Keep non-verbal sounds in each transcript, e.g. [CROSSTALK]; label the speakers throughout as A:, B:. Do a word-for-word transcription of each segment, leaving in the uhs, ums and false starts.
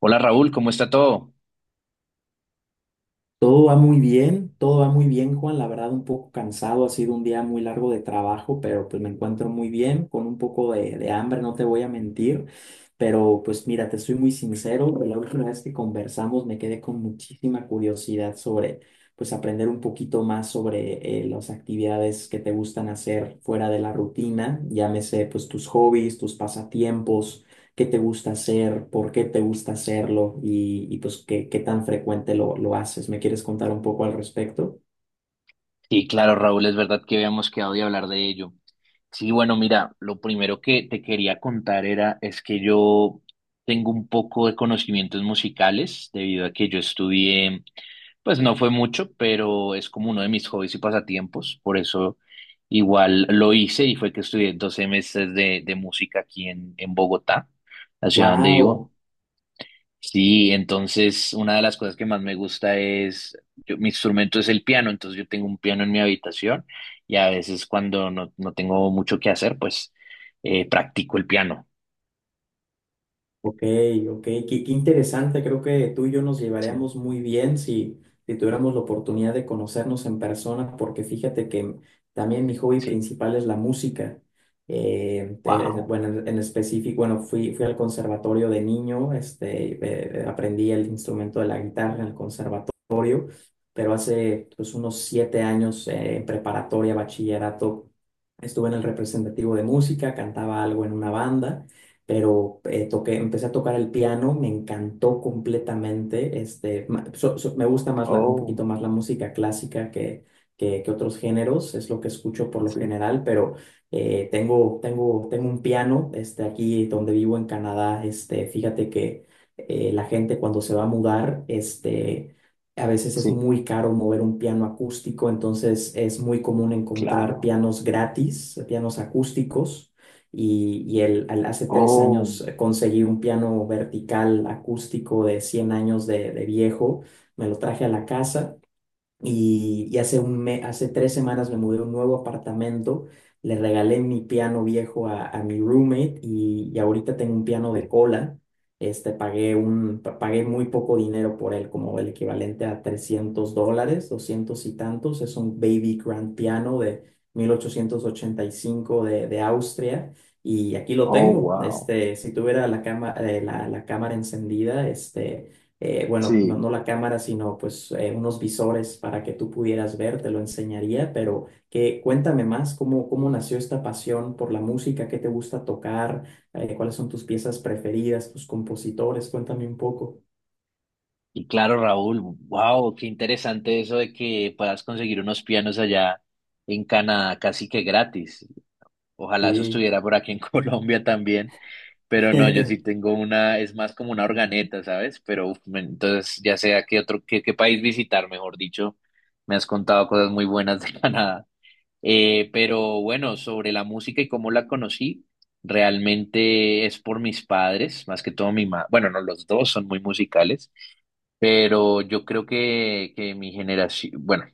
A: Hola Raúl, ¿cómo está todo?
B: Todo va muy bien, todo va muy bien, Juan. La verdad, un poco cansado, ha sido un día muy largo de trabajo, pero pues me encuentro muy bien, con un poco de, de hambre, no te voy a mentir. Pero pues mira, te soy muy sincero, la última vez que conversamos me quedé con muchísima curiosidad sobre, pues aprender un poquito más sobre eh, las actividades que te gustan hacer fuera de la rutina, llámese pues tus hobbies, tus pasatiempos, qué te gusta hacer, por qué te gusta hacerlo y, y, pues qué, qué tan frecuente lo, lo haces. ¿Me quieres contar un poco al respecto?
A: Sí, claro, Raúl, es verdad que habíamos quedado de hablar de ello. Sí, bueno, mira, lo primero que te quería contar era, es que yo tengo un poco de conocimientos musicales debido a que yo estudié, pues no fue mucho, pero es como uno de mis hobbies y pasatiempos, por eso igual lo hice y fue que estudié dos semestres de, de música aquí en, en Bogotá, la ciudad donde
B: Wow,
A: vivo. Sí, entonces una de las cosas que más me gusta es, yo- mi instrumento es el piano, entonces yo tengo un piano en mi habitación y a veces cuando no, no tengo mucho que hacer, pues eh, practico el piano.
B: ok, ok, qué, qué interesante. Creo que tú y yo nos
A: Sí,
B: llevaríamos muy bien si, si tuviéramos la oportunidad de conocernos en persona, porque fíjate que también mi hobby
A: sí.
B: principal es la música. Eh, te-
A: Wow.
B: bueno, en en específico, bueno, fui, fui al conservatorio de niño, este, eh, aprendí el instrumento de la guitarra en el conservatorio. Pero hace pues, unos siete años eh, en preparatoria, bachillerato, estuve en el representativo de música, cantaba algo en una banda, pero eh, toqué, empecé a tocar el piano, me encantó completamente, este, ma- so- so- me gusta más la- un
A: Oh,
B: poquito más la música clásica que, que, que otros géneros, es lo que escucho por lo
A: sí,
B: general, pero eh, tengo, tengo, tengo un piano este, aquí donde vivo en Canadá. Este, fíjate que... eh, La gente cuando se va a mudar, este, a veces es
A: sí,
B: muy caro mover un piano acústico, entonces es muy común encontrar
A: claro.
B: pianos gratis, pianos acústicos. Y, y el, al- hace tres
A: Oh,
B: años eh, conseguí un piano vertical acústico de cien años de, de viejo, me lo traje a la casa y, y hace un me- hace tres semanas me mudé a un nuevo apartamento, le regalé mi piano viejo a, a mi roommate y, y ahorita tengo un piano de
A: sí.
B: cola. Este, pagué un, pa- pagué muy poco dinero por él, como el equivalente a trescientos dólares, doscientos y tantos. Es un baby grand piano de mil ochocientos ochenta y cinco de, de Austria y aquí lo
A: Oh,
B: tengo.
A: wow.
B: Este, si tuviera la cama, eh, la, la cámara encendida, este eh, bueno, no,
A: Sí.
B: no la cámara, sino pues eh, unos visores para que tú pudieras ver, te lo enseñaría, pero que cuéntame más cómo, cómo nació esta pasión por la música, qué te gusta tocar, eh, cuáles son tus piezas preferidas, tus compositores, cuéntame un poco.
A: Y claro, Raúl, wow, qué interesante eso de que puedas conseguir unos pianos allá en Canadá casi que gratis. Ojalá eso
B: Sí,
A: estuviera por aquí en [LAUGHS] Colombia también. Pero no, yo sí
B: [LAUGHS]
A: tengo una, es más como una organeta, ¿sabes? Pero uf, me- entonces ya sea qué otro, qué, qué país visitar, mejor dicho, me has contado cosas muy buenas de [LAUGHS] Canadá. Eh, pero bueno, sobre la música y cómo la conocí, realmente es por mis padres, más que todo mi mamá. Bueno, no, los dos son muy musicales, pero yo creo que, que mi generación, bueno.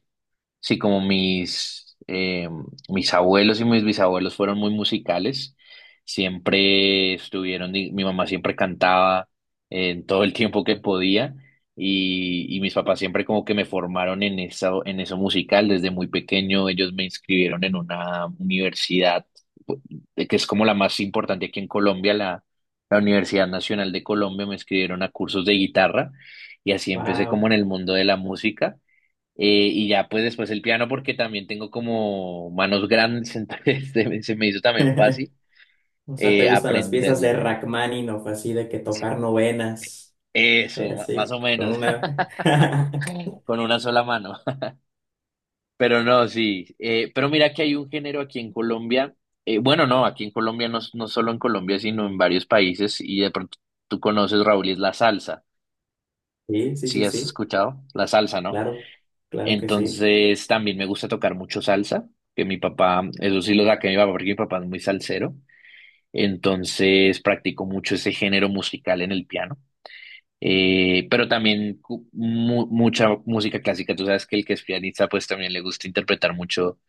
A: Sí, como mis, eh, mis abuelos y mis bisabuelos fueron muy musicales, siempre estuvieron, di- mi mamá siempre cantaba en todo el tiempo que podía y, y mis papás siempre como que me formaron en eso, en eso musical desde muy pequeño, ellos me inscribieron en una universidad pu- que es como la más importante aquí en Colombia, la, la Universidad Nacional de Colombia, me inscribieron a cursos de guitarra y así empecé como
B: wow.
A: en el mundo de la música. Eh, y ya pues después el piano porque también tengo como manos grandes, [LAUGHS] entonces se me, se me hizo también
B: [LAUGHS]
A: fácil
B: O sea, ¿te
A: eh,
B: gustan las piezas de
A: aprenderlo.
B: Rachmaninoff, así de que tocar novenas, eh,
A: Eso, ma- más
B: así,
A: o
B: con
A: menos,
B: una [LAUGHS]
A: [LAUGHS] con una sola mano. [LAUGHS] Pero no, sí. Eh, pero mira que hay un género aquí en Colombia, eh, bueno, no, aquí en Colombia, no, no solo en Colombia, sino en varios países, y de pronto tú conoces, Raúl, y es la salsa.
B: Sí, sí,
A: ¿Sí
B: sí,
A: has
B: sí,
A: escuchado? La salsa, ¿no?
B: claro, claro que sí.
A: Entonces también me gusta tocar mucho salsa, que mi papá, eso sí lo saqué de mi papá, porque mi papá es muy salsero. Entonces practico mucho ese género musical en el piano, eh, pero también cu- mu- mucha música clásica. Tú sabes que el que es pianista pues también le gusta interpretar mucho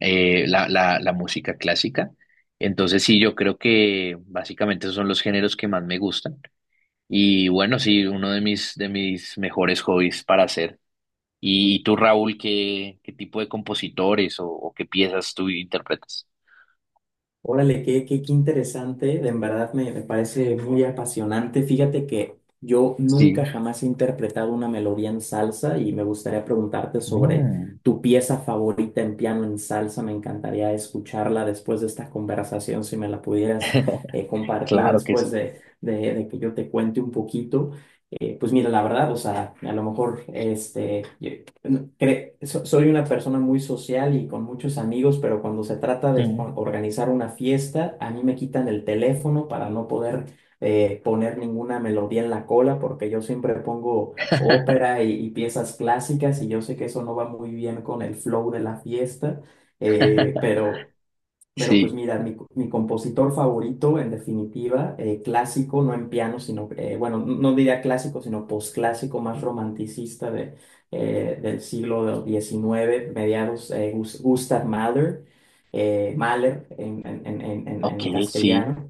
A: eh, la, la, la música clásica. Entonces sí, yo creo que básicamente esos son los géneros que más me gustan. Y bueno, sí, uno de mis, de mis mejores hobbies para hacer. ¿Y tú, Raúl, qué, qué tipo de compositores o, o qué piezas tú interpretas?
B: Órale, qué, qué, qué interesante, de en verdad me, me parece muy apasionante. Fíjate que yo nunca
A: Sí.
B: jamás he interpretado una melodía en salsa y me gustaría preguntarte sobre
A: Mm.
B: tu pieza favorita en piano en salsa. Me encantaría escucharla después de esta conversación, si me la pudieras
A: [LAUGHS]
B: eh, compartir
A: Claro que
B: después
A: sí.
B: de, de- de que yo te cuente un poquito. Eh, pues mira, la verdad, o sea, a lo mejor este, no, cre- so- soy una persona muy social y con muchos amigos, pero cuando se trata de o-
A: Mm.
B: organizar una fiesta, a mí me quitan el teléfono para no poder eh, poner ninguna melodía en la cola, porque yo siempre pongo
A: [LAUGHS]
B: ópera y, y piezas clásicas y yo sé que eso no va muy bien con el flow de la fiesta, eh, pero... Pero pues
A: Sí,
B: mira, mi, co- mi compositor favorito, en definitiva, eh, clásico, no en piano, sino, eh, bueno, n- no diría clásico, sino posclásico, más romanticista de, eh, del siglo diecinueve, mediados, eh, Gus- Gustav Mahler, eh, Mahler en, en, en, en, en
A: ok,
B: en
A: sí.
B: castellano.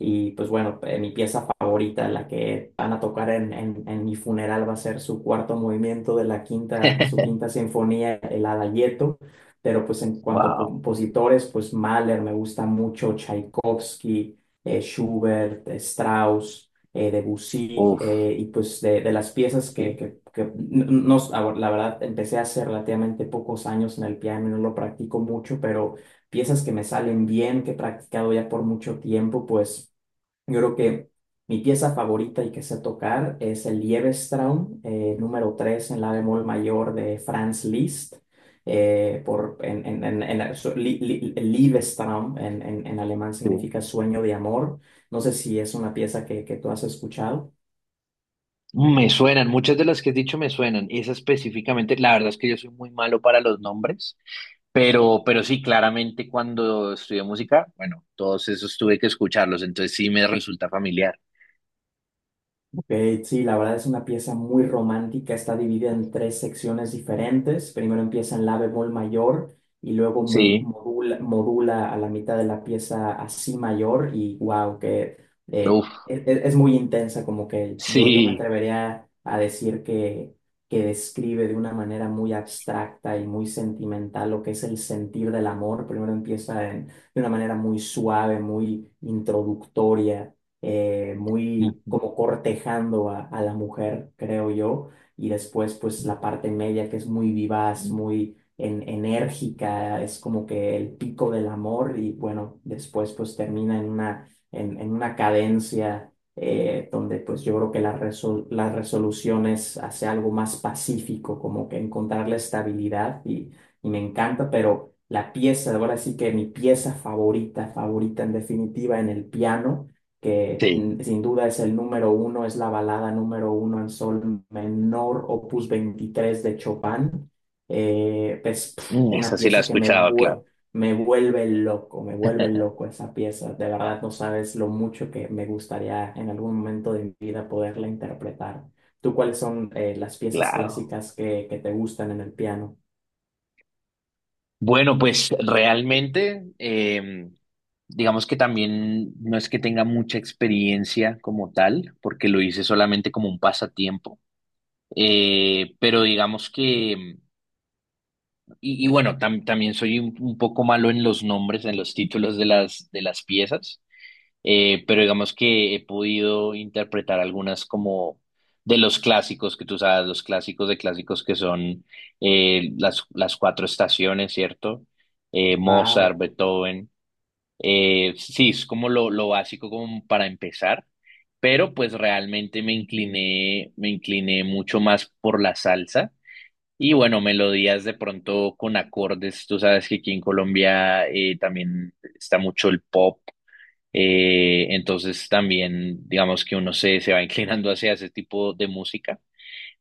B: Y pues bueno, eh, mi pieza favorita, la que van a tocar en, en, en mi funeral, va a ser su cuarto movimiento de la quinta, su
A: [LAUGHS]
B: quinta sinfonía, el Adagietto. Pero pues en cuanto a
A: Wow,
B: compositores, pues Mahler me gusta mucho, Tchaikovsky, eh, Schubert, eh, Strauss, eh, Debussy,
A: uf,
B: eh, y pues de, de las piezas que,
A: sí,
B: que, que n- no, no, la verdad, empecé hace relativamente pocos años en el piano, no lo practico mucho, pero piezas que me salen bien, que he practicado ya por mucho tiempo, pues yo creo que mi pieza favorita y que sé tocar es el Liebestraum, eh, número tres en la bemol mayor de Franz Liszt. Eh, por, en, en, en, en- su- Lie- Lie- Liebestraum en, en, en alemán
A: sí.
B: significa sueño de amor. No sé si es una pieza que, que tú has escuchado.
A: Me suenan, muchas de las que has dicho me suenan. Esa específicamente, la verdad es que yo soy muy malo para los nombres, pero, pero sí, claramente cuando estudié música, bueno, todos esos tuve que escucharlos, entonces sí me resulta familiar.
B: Ok, sí, la verdad es una pieza muy romántica, está dividida en tres secciones diferentes. Primero empieza en la bemol mayor y luego mo-
A: Sí,
B: modula, modula a la mitad de la pieza a si mayor y wow, que eh,
A: uf,
B: e- e- es muy intensa, como que yo, yo me
A: sí.
B: atrevería a decir que, que describe de una manera muy abstracta y muy sentimental lo que es el sentir del amor. Primero empieza en- de una manera muy suave, muy introductoria, eh, muy
A: Ujú.
B: como cortejando a, a la mujer, creo yo, y después pues la parte media que es muy vivaz, muy en- enérgica, es como que el pico del amor y bueno, después pues termina en una, en, en una cadencia eh, donde pues yo creo que la, resol- la resolución es hacia algo más pacífico, como que encontrar la estabilidad y, y me encanta, pero. La pieza, ahora sí que mi pieza favorita, favorita en definitiva en el piano, que
A: Sí,
B: mm, sin duda es el número uno, es la balada número uno en sol menor, opus veintitrés de Chopin. Eh, es pf,
A: mm,
B: una
A: esa sí la he
B: pieza que me,
A: escuchado,
B: vue-
A: claro.
B: me vuelve loco, me vuelve
A: [LAUGHS]
B: loco esa pieza. De verdad no sabes lo mucho que me gustaría en algún momento de mi vida poderla interpretar. ¿Tú cuáles son eh, las piezas
A: Claro.
B: clásicas que, que te gustan en el piano?
A: Bueno, pues realmente, em, digamos que también no es que tenga mucha experiencia como tal, porque lo hice solamente como un pasatiempo. Eh, pero digamos que, em, y, y bueno, tam- también soy un, un poco malo en los nombres, en los títulos de las, de las piezas. Eh, pero digamos que he podido interpretar algunas como de los clásicos que tú sabes, los clásicos de clásicos que son eh, las, las cuatro estaciones, ¿cierto? Eh, Mozart,
B: Wow,
A: Beethoven. Eh, sí, es como lo, lo básico como para empezar, pero pues realmente me incliné, me incliné mucho más por la salsa. Y bueno, melodías de pronto con acordes, tú sabes que aquí en Colombia eh, también está mucho el pop, eh, entonces también digamos que uno se, se va [LAUGHS] inclinando hacia ese tipo de música,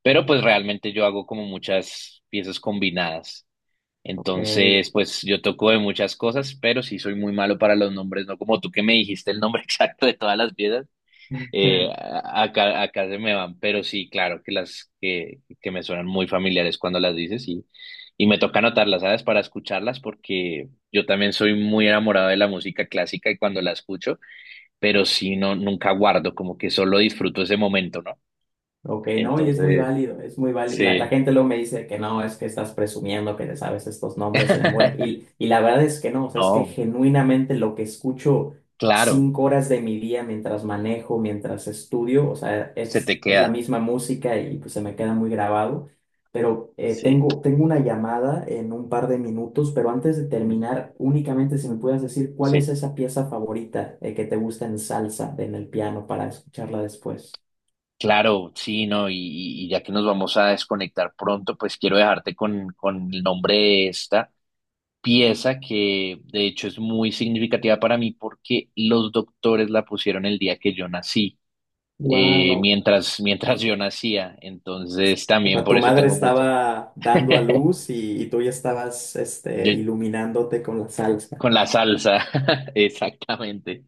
A: pero pues realmente yo hago como muchas piezas combinadas.
B: ok.
A: Entonces, pues yo toco de muchas cosas, pero sí soy muy malo para los nombres, no como tú que me dijiste el nombre [LAUGHS] exacto de todas las piezas, eh,
B: [LAUGHS]
A: a- acá, acá se me van, pero sí, claro que las que, que me suenan muy familiares cuando las dices y, y me toca anotarlas, ¿sabes? Para escucharlas porque yo también soy muy enamorado de la música clásica y cuando la escucho, pero sí, no, nunca guardo, como que solo disfruto ese momento, ¿no?
B: Ok, no, y es muy
A: Entonces,
B: válido, es muy válido. La,
A: sí.
B: la gente luego me dice que no, es que estás presumiendo que te sabes estos nombres de memoria.
A: [LAUGHS]
B: Y, y la verdad es que no, o sea, es que
A: No,
B: genuinamente lo que escucho
A: claro,
B: cinco horas de mi día mientras manejo, mientras estudio, o sea,
A: se te
B: es, es la
A: queda.
B: misma música y pues se me queda muy grabado. Pero eh,
A: Sí,
B: tengo, tengo una llamada en un par de minutos, pero antes de
A: mm,
B: terminar, únicamente si me puedes decir cuál es
A: sí.
B: esa pieza favorita eh, que te gusta en salsa, en el piano, para escucharla después.
A: Claro, sí, no, y, y ya que nos vamos a desconectar pronto, pues quiero dejarte con, con el nombre de esta pieza que de hecho es muy significativa para mí porque los doctores la pusieron el día que yo nací, eh,
B: Wow.
A: mientras, mientras yo nacía, entonces
B: O
A: también
B: sea,
A: por
B: tu
A: eso
B: madre
A: tengo mucha.
B: estaba dando a
A: [LAUGHS]
B: luz y, y tú ya estabas este,
A: Yo,
B: iluminándote con la salsa.
A: con la salsa, [LAUGHS] exactamente.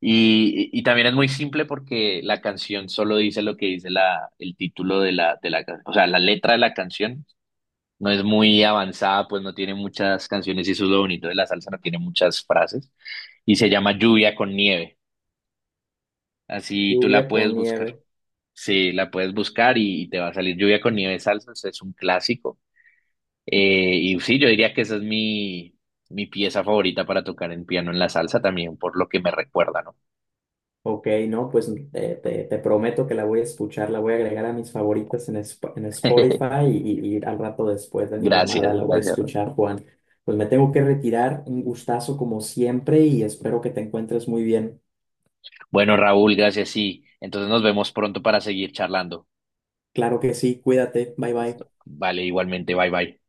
A: Y, y también es muy simple porque la canción solo dice lo que dice la, el título de la, de la, can- o sea, la letra de la canción no es muy avanzada, pues no tiene muchas canciones y eso es lo bonito de la salsa, no tiene muchas frases. Y se llama Lluvia con Nieve. Así tú la
B: Lluvia
A: puedes
B: con
A: buscar.
B: nieve.
A: Sí, la puedes buscar y, y te va a salir Lluvia con Nieve Salsa, es un clásico. Eh, y sí, yo diría que esa es mi, mi pieza favorita para tocar en piano en la salsa también, por lo que me recuerda, ¿no?
B: Ok, no, pues eh, te, te prometo que la voy a escuchar, la voy a agregar a mis favoritas en, Sp- en
A: [LAUGHS]
B: Spotify y, y- y al rato después de mi llamada
A: Gracias,
B: la voy a
A: gracias.
B: escuchar, Juan. Pues me tengo que retirar, un
A: Listo.
B: gustazo como siempre y espero que te encuentres muy bien.
A: Bueno, Raúl, gracias, sí. Entonces nos vemos pronto para seguir charlando.
B: Claro que sí, cuídate, bye bye.
A: Listo. Vale, igualmente, bye bye.